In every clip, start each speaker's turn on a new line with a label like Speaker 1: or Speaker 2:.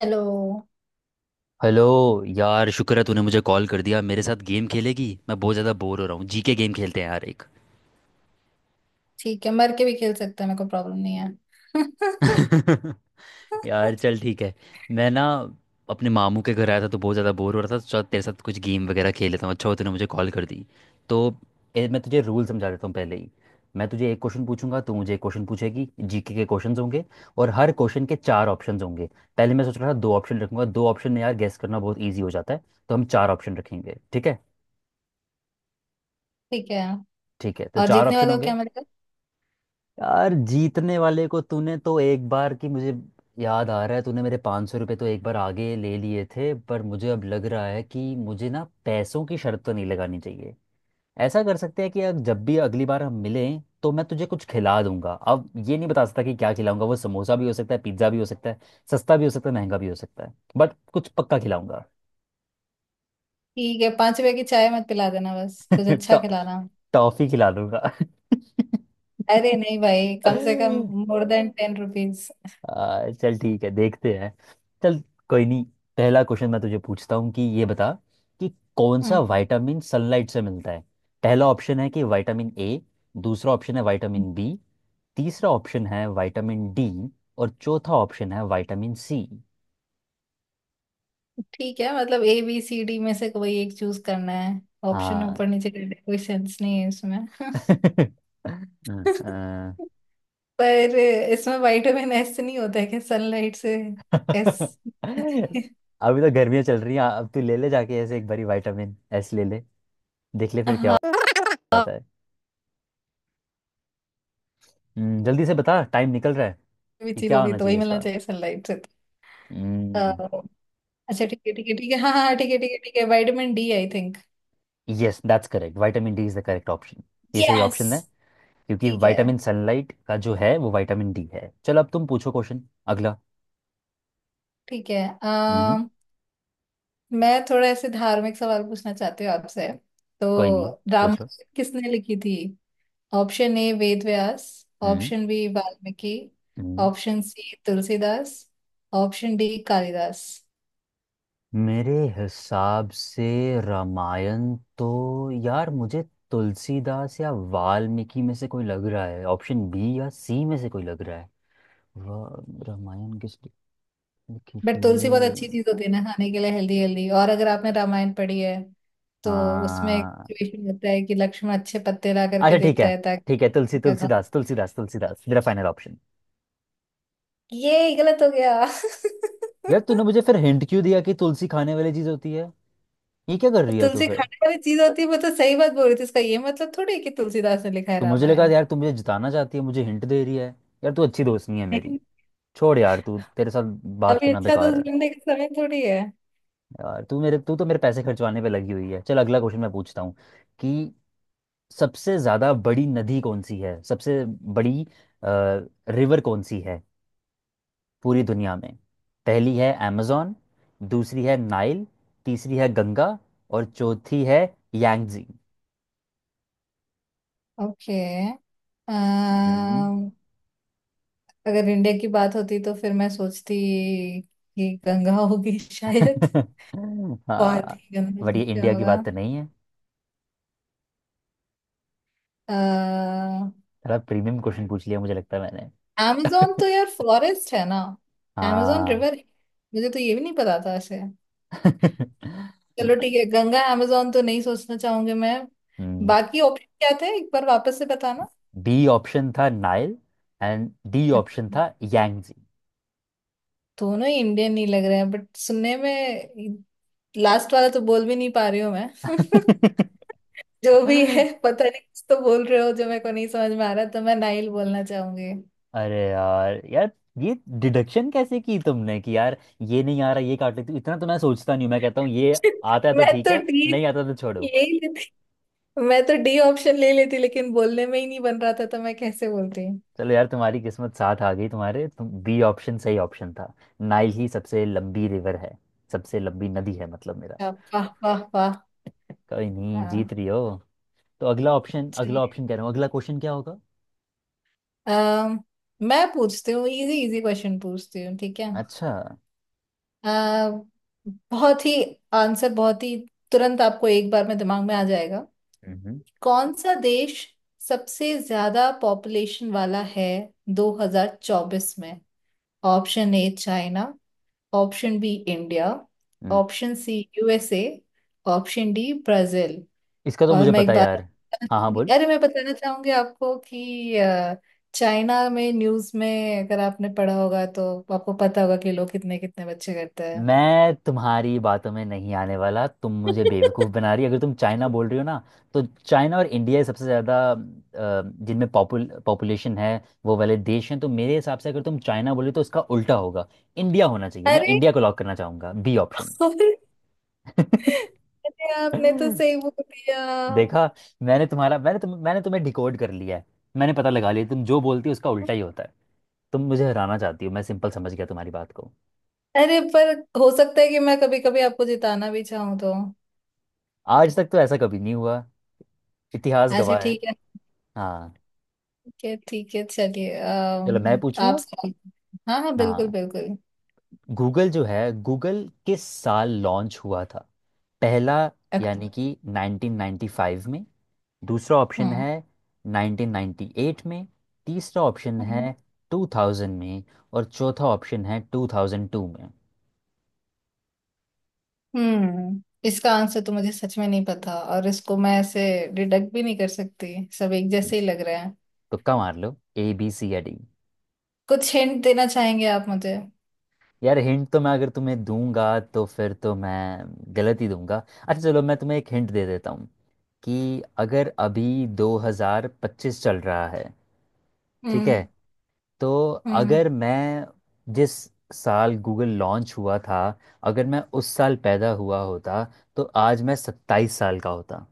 Speaker 1: चलो।
Speaker 2: हेलो। यार शुक्र है तूने मुझे कॉल कर दिया। मेरे साथ गेम खेलेगी? मैं बहुत ज़्यादा बोर हो रहा हूँ। जीके गेम खेलते हैं यार एक।
Speaker 1: ठीक है, मर के भी खेल सकते हैं। मेरे को प्रॉब्लम नहीं है।
Speaker 2: यार चल ठीक है। मैं ना अपने मामू के घर आया था तो बहुत ज़्यादा बोर हो रहा था तो चल तेरे साथ कुछ गेम वगैरह खेल लेता हूँ। अच्छा हो तूने मुझे कॉल कर दी। तो ए, मैं तुझे रूल समझा देता हूँ पहले ही। मैं तुझे एक क्वेश्चन पूछूंगा, तू मुझे एक क्वेश्चन पूछेगी। जीके के क्वेश्चंस होंगे और हर क्वेश्चन के चार ऑप्शंस होंगे। पहले मैं सोच रहा था दो ऑप्शन रखूंगा, दो ऑप्शन में यार गेस करना बहुत ईजी हो जाता है तो हम चार ऑप्शन रखेंगे, ठीक है?
Speaker 1: ठीक है।
Speaker 2: ठीक है तो
Speaker 1: और
Speaker 2: चार
Speaker 1: जीतने
Speaker 2: ऑप्शन
Speaker 1: वाले हो
Speaker 2: होंगे।
Speaker 1: क्या मेरे को?
Speaker 2: यार जीतने वाले को तूने तो एक बार की मुझे याद आ रहा है तूने मेरे 500 सौ रुपये तो एक बार आगे ले लिए थे, पर मुझे अब लग रहा है कि मुझे ना पैसों की शर्त तो नहीं लगानी चाहिए। ऐसा कर सकते हैं कि अब जब भी अगली बार हम मिलें तो मैं तुझे कुछ खिला दूंगा। अब ये नहीं बता सकता कि क्या खिलाऊंगा, वो समोसा भी हो सकता है पिज्ज़ा भी हो सकता है, सस्ता भी हो सकता है महंगा भी हो सकता है, बट कुछ पक्का खिलाऊंगा।
Speaker 1: ठीक है, 5 रुपए की चाय मत पिला देना, बस कुछ अच्छा
Speaker 2: टॉ-
Speaker 1: खिलाना।
Speaker 2: टॉफी खिला दूंगा।
Speaker 1: अरे नहीं भाई, कम से कम मोर देन 10 रुपीज।
Speaker 2: चल ठीक है देखते हैं। चल। कोई नहीं। पहला क्वेश्चन मैं तुझे पूछता हूँ कि ये बता कि कौन सा
Speaker 1: हम्म,
Speaker 2: विटामिन सनलाइट से मिलता है। पहला ऑप्शन है कि विटामिन ए, दूसरा ऑप्शन है विटामिन बी, तीसरा ऑप्शन है विटामिन डी, और चौथा ऑप्शन है विटामिन सी।
Speaker 1: ठीक है, मतलब ए बी सी डी में से कोई एक चूज करना है। ऑप्शन
Speaker 2: हाँ।
Speaker 1: ऊपर नीचे करने का कोई सेंस नहीं है इसमें।
Speaker 2: हाँ।
Speaker 1: पर इसमें वाइटामिन एस से नहीं होता है कि सनलाइट से? एस।
Speaker 2: अभी तो गर्मियाँ चल रही हैं, अब तू ले ले, जाके ऐसे एक बारी विटामिन एस ले ले, देख ले फिर क्या
Speaker 1: हाँ, कोई
Speaker 2: होता है। जल्दी से बता, टाइम निकल रहा है
Speaker 1: भी
Speaker 2: कि
Speaker 1: चीज
Speaker 2: क्या
Speaker 1: होगी
Speaker 2: होना
Speaker 1: तो वही
Speaker 2: चाहिए
Speaker 1: मिलना
Speaker 2: इसका।
Speaker 1: चाहिए सनलाइट से। अ, अच्छा, ठीक है, ठीक है, ठीक है, हाँ हाँ, ठीक है, ठीक है, ठीक है, vitamin D I think.
Speaker 2: Yes that's correct, vitamin D is the correct option. ये सही
Speaker 1: यस।
Speaker 2: ऑप्शन है क्योंकि
Speaker 1: ठीक है,
Speaker 2: विटामिन सनलाइट का जो है वो विटामिन डी है। चलो अब तुम पूछो क्वेश्चन, अगला।
Speaker 1: ठीक है। अ,
Speaker 2: हम्म।
Speaker 1: मैं थोड़ा ऐसे धार्मिक सवाल पूछना चाहती हूँ आपसे। तो
Speaker 2: कोई नहीं। पूछो।
Speaker 1: रामायण किसने लिखी थी? Option A Ved Vyas.
Speaker 2: हम्म।
Speaker 1: Option B Valmiki.
Speaker 2: हम्म।
Speaker 1: Option C Tulsidas. Option D Kalidas.
Speaker 2: मेरे हिसाब से रामायण तो, यार मुझे तुलसीदास या वाल्मीकि में से कोई लग रहा है, ऑप्शन बी या सी में से कोई लग रहा है। रामायण किस लिखी
Speaker 1: बट तुलसी बहुत अच्छी
Speaker 2: थी।
Speaker 1: चीज होती है ना, खाने के लिए हेल्दी हेल्दी। और अगर आपने रामायण पढ़ी है तो उसमें एक
Speaker 2: हाँ।
Speaker 1: सिचुएशन होता है कि लक्ष्मण अच्छे पत्ते ला करके
Speaker 2: अच्छा ठीक है,
Speaker 1: देता है
Speaker 2: ठीक है। तुलसी
Speaker 1: ताकि क्या खा।
Speaker 2: तुलसीदास, तुलसीदास तुलसीदास मेरा फाइनल ऑप्शन।
Speaker 1: ये गलत हो गया।
Speaker 2: यार तूने मुझे फिर हिंट क्यों दिया कि तुलसी खाने वाली चीज होती है? ये क्या कर रही है तू
Speaker 1: तुलसी
Speaker 2: फिर?
Speaker 1: खाने वाली चीज होती है, मैं तो सही बात बोल रही थी। इसका ये मतलब थोड़ी है कि तुलसीदास ने लिखा है
Speaker 2: तू मुझे लगा
Speaker 1: रामायण।
Speaker 2: यार तू मुझे जिताना चाहती है, मुझे हिंट दे रही है। यार तू अच्छी दोस्त नहीं है मेरी।
Speaker 1: नहीं।
Speaker 2: छोड़ यार, तू तेरे साथ बात
Speaker 1: अभी
Speaker 2: करना
Speaker 1: अच्छा
Speaker 2: बेकार
Speaker 1: दोस्त
Speaker 2: है।
Speaker 1: बनने का समय थोड़ी है।
Speaker 2: यार तू तो मेरे पैसे खर्चवाने पे लगी हुई है। चल अगला क्वेश्चन मैं पूछता हूँ कि सबसे ज्यादा बड़ी नदी कौन सी है, सबसे बड़ी रिवर कौन सी है पूरी दुनिया में। पहली है amazon, दूसरी है नाइल, तीसरी है गंगा, और चौथी है यांगजी।
Speaker 1: ओके।
Speaker 2: हम्म,
Speaker 1: अगर इंडिया की बात होती तो फिर मैं सोचती कि गंगा होगी शायद। बहुत
Speaker 2: हाँ,
Speaker 1: ही गंदा
Speaker 2: बट ये
Speaker 1: क्या
Speaker 2: इंडिया की
Speaker 1: होगा।
Speaker 2: बात तो नहीं है।
Speaker 1: amazon।
Speaker 2: थोड़ा प्रीमियम क्वेश्चन पूछ लिया मुझे लगता है मैंने।
Speaker 1: तो यार फॉरेस्ट है ना। amazon
Speaker 2: हाँ।
Speaker 1: रिवर है। मुझे तो ये भी नहीं पता था ऐसे। चलो ठीक है, गंगा amazon तो नहीं सोचना चाहूंगी मैं।
Speaker 2: हम्म
Speaker 1: बाकी ऑप्शन क्या थे, एक बार वापस से बताना?
Speaker 2: बी ऑप्शन था नाइल, एंड डी ऑप्शन था यांगजी।
Speaker 1: दोनों ही इंडियन नहीं लग रहे हैं बट सुनने में। लास्ट वाला तो बोल भी नहीं पा रही हूँ मैं। जो भी है पता नहीं, कुछ तो बोल रहे हो जो मेरे को नहीं समझ में आ रहा, तो मैं नाइल बोलना चाहूंगी।
Speaker 2: अरे यार यार, ये डिडक्शन कैसे की तुमने कि यार ये नहीं आ रहा ये काट लेती हूँ? इतना तो मैं सोचता नहीं हूँ। मैं कहता हूँ ये आता है तो
Speaker 1: मैं
Speaker 2: ठीक
Speaker 1: तो
Speaker 2: है,
Speaker 1: ठीक।
Speaker 2: नहीं आता तो छोड़ो।
Speaker 1: यही, मैं तो डी ऑप्शन ले लेती लेकिन बोलने में ही नहीं बन रहा था तो मैं कैसे बोलती।
Speaker 2: चलो यार, तुम्हारी किस्मत साथ आ गई तुम बी ऑप्शन सही ऑप्शन था। नाइल ही सबसे लंबी रिवर है, सबसे लंबी नदी है मतलब मेरा।
Speaker 1: अच्छा, वाह वाह वाह।
Speaker 2: कोई नहीं,
Speaker 1: हाँ।
Speaker 2: जीत रही हो। तो अगला ऑप्शन, अगला
Speaker 1: चलिए,
Speaker 2: ऑप्शन, कह रहा हूँ अगला क्वेश्चन क्या होगा।
Speaker 1: अम, मैं पूछती हूँ, इजी इजी क्वेश्चन पूछती हूँ, ठीक है?
Speaker 2: अच्छा।
Speaker 1: आ, बहुत ही आंसर, बहुत ही तुरंत आपको एक बार में दिमाग में आ जाएगा।
Speaker 2: हम्म। हम्म।
Speaker 1: कौन सा देश सबसे ज्यादा पॉपुलेशन वाला है 2024 में? Option A China. Option B India.
Speaker 2: हम्म।
Speaker 1: Option C USA. Option D Brazil.
Speaker 2: इसका तो
Speaker 1: और
Speaker 2: मुझे
Speaker 1: मैं
Speaker 2: पता
Speaker 1: एक
Speaker 2: है
Speaker 1: बार।
Speaker 2: यार। हाँ हाँ बोल।
Speaker 1: अरे, मैं बताना चाहूंगी आपको कि चाइना में न्यूज़ में अगर आपने पढ़ा होगा तो आपको पता होगा कि लोग कितने कितने बच्चे करते हैं।
Speaker 2: मैं तुम्हारी बातों में नहीं आने वाला, तुम मुझे बेवकूफ़ बना रही हो। अगर तुम चाइना बोल रही हो ना तो चाइना और इंडिया ही सबसे ज़्यादा, जिनमें पॉपुलेशन है वो वाले देश हैं। तो मेरे हिसाब से अगर तुम चाइना बोले तो उसका उल्टा होगा, इंडिया होना चाहिए। मैं
Speaker 1: अरे
Speaker 2: इंडिया को लॉक करना चाहूंगा, बी ऑप्शन।
Speaker 1: और- अरे, आपने तो सही बोल दिया।
Speaker 2: देखा, मैंने तुम्हें डिकोड कर लिया है। मैंने पता लगा लिया तुम जो बोलती हो उसका उल्टा ही होता है। तुम मुझे हराना चाहती हो, मैं सिंपल समझ गया तुम्हारी बात को।
Speaker 1: अरे पर हो सकता है कि मैं कभी कभी आपको जिताना भी चाहूँ तो।
Speaker 2: आज तक तो ऐसा कभी नहीं हुआ, इतिहास
Speaker 1: अच्छा,
Speaker 2: गवाह है।
Speaker 1: ठीक है,
Speaker 2: हाँ।
Speaker 1: ठीक है, ठीक है, चलिए।
Speaker 2: चलो मैं पूछूं
Speaker 1: आप
Speaker 2: अब।
Speaker 1: सवाल- हाँ हाँ, बिल्कुल
Speaker 2: हाँ।
Speaker 1: बिल्कुल।
Speaker 2: गूगल जो है, गूगल किस साल लॉन्च हुआ था? पहला,
Speaker 1: अ-
Speaker 2: यानी कि 1995 में, दूसरा ऑप्शन
Speaker 1: हाँ
Speaker 2: है 1998 में, तीसरा ऑप्शन
Speaker 1: हाँ।
Speaker 2: है 2000 में, और चौथा ऑप्शन है 2002 में।
Speaker 1: हम्म इसका आंसर तो मुझे सच में नहीं पता और इसको मैं ऐसे डिडक्ट भी नहीं कर सकती, सब एक जैसे ही लग रहे हैं।
Speaker 2: तुक्का मार लो, ए बी सी या डी।
Speaker 1: कुछ हिंट देना चाहेंगे आप मुझे?
Speaker 2: यार हिंट तो मैं अगर तुम्हें दूंगा तो फिर तो मैं गलत ही दूंगा। अच्छा चलो मैं तुम्हें एक हिंट दे देता हूँ कि अगर अभी 2025 चल रहा है, ठीक है,
Speaker 1: हम्म
Speaker 2: तो
Speaker 1: हम्म।
Speaker 2: अगर मैं जिस साल गूगल लॉन्च हुआ था अगर मैं उस साल पैदा हुआ होता तो आज मैं 27 साल का होता।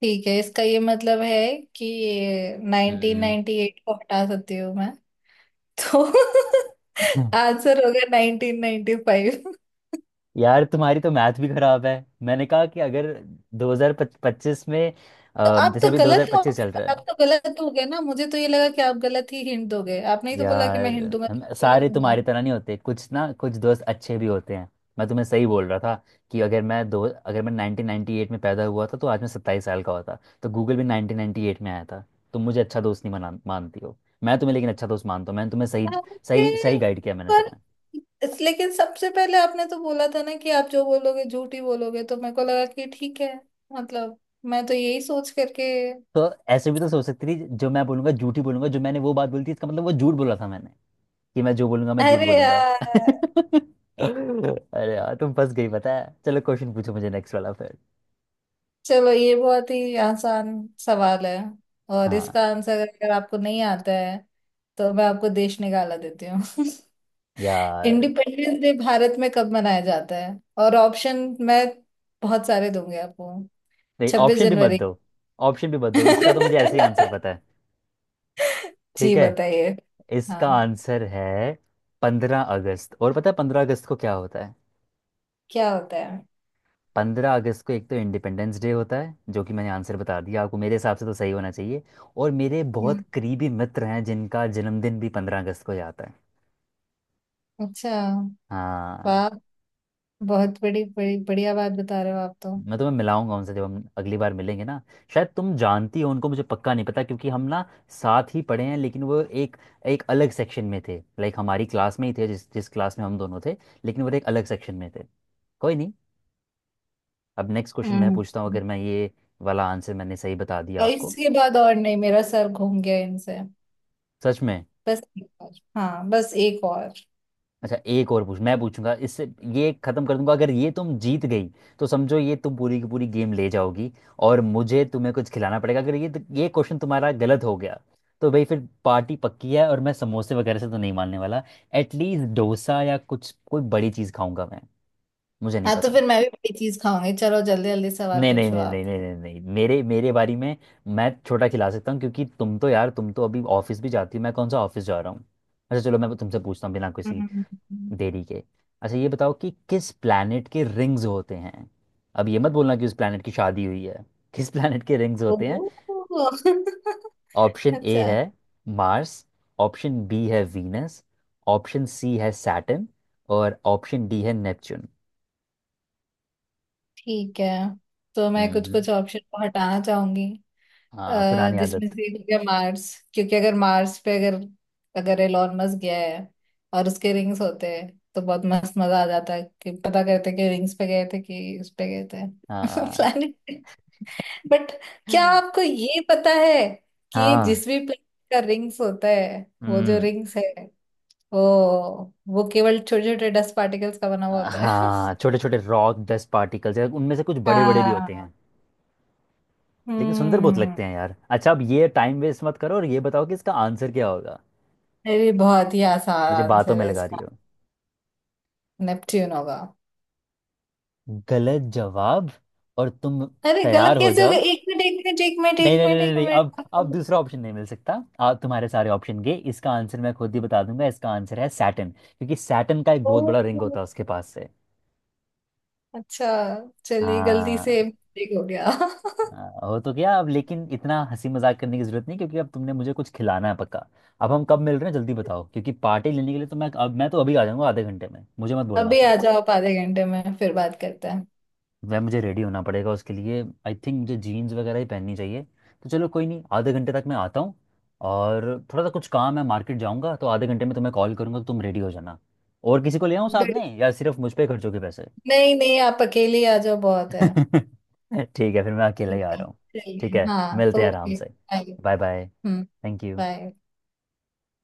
Speaker 1: ठीक है, इसका ये मतलब है कि
Speaker 2: हम्म।
Speaker 1: 1998 को हटा सकती हूँ मैं। तो आंसर होगा 1995।
Speaker 2: यार तुम्हारी तो मैथ भी खराब है। मैंने कहा कि अगर 2025 में,
Speaker 1: तो आप
Speaker 2: जैसे
Speaker 1: तो
Speaker 2: अभी
Speaker 1: गलत हो,
Speaker 2: 2025 चल रहा है।
Speaker 1: आप तो गलत हो गए ना। मुझे तो ये लगा कि आप गलत ही हिंट दोगे। आपने ही तो बोला कि मैं
Speaker 2: यार
Speaker 1: हिंट दूंगा
Speaker 2: हम
Speaker 1: तो गलत
Speaker 2: सारे
Speaker 1: दूंगा।
Speaker 2: तुम्हारी तरह नहीं होते, कुछ ना कुछ दोस्त अच्छे भी होते हैं। मैं तुम्हें सही बोल रहा था कि अगर मैं 1998 में पैदा हुआ था तो आज मैं 27 साल का होता। तो गूगल भी 1998 में आया था। तुम मुझे अच्छा दोस्त नहीं मना मानती हो, मैं तुम्हें लेकिन अच्छा दोस्त मानता हूँ। मैंने तुम्हें सही
Speaker 1: अरे
Speaker 2: सही सही गाइड किया मैंने
Speaker 1: पर
Speaker 2: तुम्हें।
Speaker 1: लेकिन सबसे पहले आपने तो बोला था ना कि आप जो बोलोगे झूठ ही बोलोगे, तो मेरे को लगा कि ठीक है। मतलब मैं तो यही सोच करके।
Speaker 2: तो ऐसे भी तो सोच सकती थी जो मैं बोलूंगा झूठ ही बोलूंगा, जो मैंने वो बात बोली थी इसका मतलब वो झूठ बोला था मैंने, कि मैं जो बोलूंगा मैं झूठ
Speaker 1: अरे
Speaker 2: बोलूंगा।
Speaker 1: यार।
Speaker 2: अरे यार तुम फंस गई पता है। चलो क्वेश्चन पूछो मुझे नेक्स्ट वाला फिर।
Speaker 1: चलो, ये बहुत ही आसान सवाल है। और
Speaker 2: हाँ।
Speaker 1: इसका आंसर अगर आपको नहीं आता है तो मैं आपको देश निकाला देती हूँ।
Speaker 2: यार
Speaker 1: इंडिपेंडेंस डे भारत में कब मनाया जाता है? और ऑप्शन मैं बहुत सारे दूंगी आपको।
Speaker 2: नहीं,
Speaker 1: छब्बीस
Speaker 2: ऑप्शन भी मत
Speaker 1: जनवरी
Speaker 2: दो, ऑप्शन भी मत दो, इसका तो मुझे ऐसे ही आंसर पता है।
Speaker 1: जी,
Speaker 2: ठीक है,
Speaker 1: बताइए।
Speaker 2: इसका
Speaker 1: हाँ,
Speaker 2: आंसर है 15 अगस्त। और पता है 15 अगस्त को क्या होता है?
Speaker 1: क्या होता है?
Speaker 2: 15 अगस्त को एक तो इंडिपेंडेंस डे होता है जो कि मैंने आंसर बता दिया आपको, मेरे हिसाब से तो सही होना चाहिए। और मेरे बहुत
Speaker 1: हम्म।
Speaker 2: करीबी मित्र हैं जिनका जन्मदिन भी 15 अगस्त को ही आता है।
Speaker 1: अच्छा।
Speaker 2: हाँ।
Speaker 1: वाह। बहुत बड़ी बड़ी बढ़िया बात बता रहे हो आप तो।
Speaker 2: मैं तुम्हें मिलाऊंगा उनसे जब हम अगली बार मिलेंगे ना। शायद तुम जानती हो उनको, मुझे पक्का नहीं पता, क्योंकि हम ना साथ ही पढ़े हैं लेकिन वो एक एक अलग सेक्शन में थे, लाइक हमारी क्लास में ही थे जिस जिस क्लास में हम दोनों थे लेकिन वो एक अलग सेक्शन में थे। कोई नहीं। अब नेक्स्ट क्वेश्चन मैं
Speaker 1: हम्म।
Speaker 2: पूछता हूँ, अगर मैं ये वाला आंसर मैंने सही बता दिया
Speaker 1: और
Speaker 2: आपको।
Speaker 1: इसके बाद और नहीं, मेरा सर घूम गया इनसे।
Speaker 2: सच में।
Speaker 1: बस एक और। हाँ, बस एक और।
Speaker 2: अच्छा, एक और पूछ, मैं पूछूंगा, इससे ये खत्म कर दूंगा। अगर ये तुम जीत गई तो समझो ये तुम पूरी की पूरी गेम ले जाओगी और मुझे तुम्हें कुछ खिलाना पड़ेगा। अगर ये, ये क्वेश्चन तुम्हारा गलत हो गया तो भाई फिर पार्टी पक्की है, और मैं समोसे वगैरह से तो नहीं मानने वाला, एटलीस्ट डोसा या कुछ कोई बड़ी चीज़ खाऊंगा मैं। मुझे नहीं
Speaker 1: हाँ तो
Speaker 2: पता।
Speaker 1: फिर मैं भी बड़ी चीज खाऊंगी, चलो जल्दी जल्दी सवाल
Speaker 2: नहीं नहीं
Speaker 1: पूछो
Speaker 2: नहीं
Speaker 1: आप।
Speaker 2: नहीं नहीं नहीं नहीं, मेरे मेरे बारी में मैं छोटा खिला सकता हूँ क्योंकि तुम तो यार, तुम तो अभी ऑफिस भी जाती हो, मैं कौन सा ऑफिस जा रहा हूँ। अच्छा चलो मैं तुमसे पूछता हूँ बिना किसी
Speaker 1: हम्म।
Speaker 2: देरी के। अच्छा ये बताओ कि किस प्लैनेट के रिंग्स होते हैं? अब ये मत बोलना कि उस प्लैनेट की शादी हुई है। किस प्लैनेट के रिंग्स होते हैं?
Speaker 1: ओह।
Speaker 2: ऑप्शन ए
Speaker 1: अच्छा,
Speaker 2: है मार्स, ऑप्शन बी है वीनस, ऑप्शन सी है सैटर्न, और ऑप्शन डी है नेपच्यून।
Speaker 1: ठीक है। तो मैं कुछ
Speaker 2: हम्म।
Speaker 1: कुछ ऑप्शन को हटाना चाहूंगी।
Speaker 2: हाँ, पुरानी
Speaker 1: जिसमें
Speaker 2: आदत।
Speaker 1: से एक हो गया मार्स। क्योंकि अगर मार्स पे अगर अगर एलॉन मस्क गया है और उसके रिंग्स होते हैं, तो बहुत मस्त मजा आ जाता है कि पता करते कि रिंग्स पे गए थे कि उस पे गए थे।
Speaker 2: हाँ।
Speaker 1: प्लैनेट पे। बट क्या आपको ये पता है कि ये
Speaker 2: हाँ।
Speaker 1: जिस भी प्लैनेट का रिंग्स होता है, वो जो
Speaker 2: हम्म।
Speaker 1: रिंग्स है, वो वो केवल छोटे छोटे डस्ट पार्टिकल्स का बना हुआ होता है।
Speaker 2: हाँ, छोटे छोटे रॉक डस्ट पार्टिकल्स, उनमें से कुछ बड़े बड़े भी होते
Speaker 1: हाँ।
Speaker 2: हैं लेकिन सुंदर बहुत
Speaker 1: हम्म।
Speaker 2: लगते हैं यार। अच्छा अब ये टाइम वेस्ट मत करो और ये बताओ कि इसका आंसर क्या होगा।
Speaker 1: अरे बहुत ही आसान
Speaker 2: मुझे बातों
Speaker 1: आंसर
Speaker 2: में
Speaker 1: है
Speaker 2: लगा रही
Speaker 1: इसका।
Speaker 2: हो।
Speaker 1: नेपच्यून होगा।
Speaker 2: गलत जवाब। और तुम
Speaker 1: अरे
Speaker 2: तैयार
Speaker 1: गलत
Speaker 2: हो
Speaker 1: कैसे हो गया?
Speaker 2: जाओ।
Speaker 1: एक मिनट एक मिनट एक मिनट
Speaker 2: नहीं
Speaker 1: एक
Speaker 2: नहीं नहीं
Speaker 1: मिनट
Speaker 2: नहीं
Speaker 1: एक
Speaker 2: नहीं, अब
Speaker 1: मिनट।
Speaker 2: दूसरा ऑप्शन नहीं मिल सकता। आप तुम्हारे सारे ऑप्शन गए। इसका आंसर मैं खुद ही बता दूंगा, इसका आंसर है सैटन क्योंकि सैटन का एक बहुत
Speaker 1: ओ।
Speaker 2: बड़ा रिंग होता है उसके पास से।
Speaker 1: अच्छा। चलिए, गलती से
Speaker 2: हाँ।
Speaker 1: मिस्टेक हो गया।
Speaker 2: हाँ, हो तो गया अब, लेकिन इतना हंसी मजाक करने की जरूरत नहीं क्योंकि अब तुमने मुझे कुछ खिलाना है पक्का। अब हम कब मिल रहे हैं जल्दी बताओ क्योंकि पार्टी लेने के लिए तो मैं अब, मैं तो अभी आ जाऊंगा आधे घंटे में मुझे मत बोलना।
Speaker 1: अभी आ जाओ आप, आधे घंटे में फिर बात करते हैं।
Speaker 2: वह, मुझे रेडी होना पड़ेगा उसके लिए, आई थिंक मुझे जीन्स वगैरह ही पहननी चाहिए। तो चलो कोई नहीं, आधे घंटे तक मैं आता हूँ। और थोड़ा सा कुछ काम है, मार्केट जाऊँगा, तो आधे घंटे में तुम्हें कॉल करूँगा तो तुम रेडी हो जाना। और किसी को ले आऊँ साथ
Speaker 1: बिल-
Speaker 2: में या सिर्फ मुझ पे खर्च होगे पैसे?
Speaker 1: नहीं नहीं, आप अकेले ही आ जाओ, बहुत है।
Speaker 2: ठीक है फिर मैं अकेला ही
Speaker 1: ठीक
Speaker 2: आ
Speaker 1: है,
Speaker 2: रहा हूँ।
Speaker 1: चलिए।
Speaker 2: ठीक है
Speaker 1: हाँ,
Speaker 2: मिलते हैं आराम
Speaker 1: ओके,
Speaker 2: से।
Speaker 1: Bye.
Speaker 2: Bye bye.
Speaker 1: Hmm.
Speaker 2: Thank you.
Speaker 1: Bye.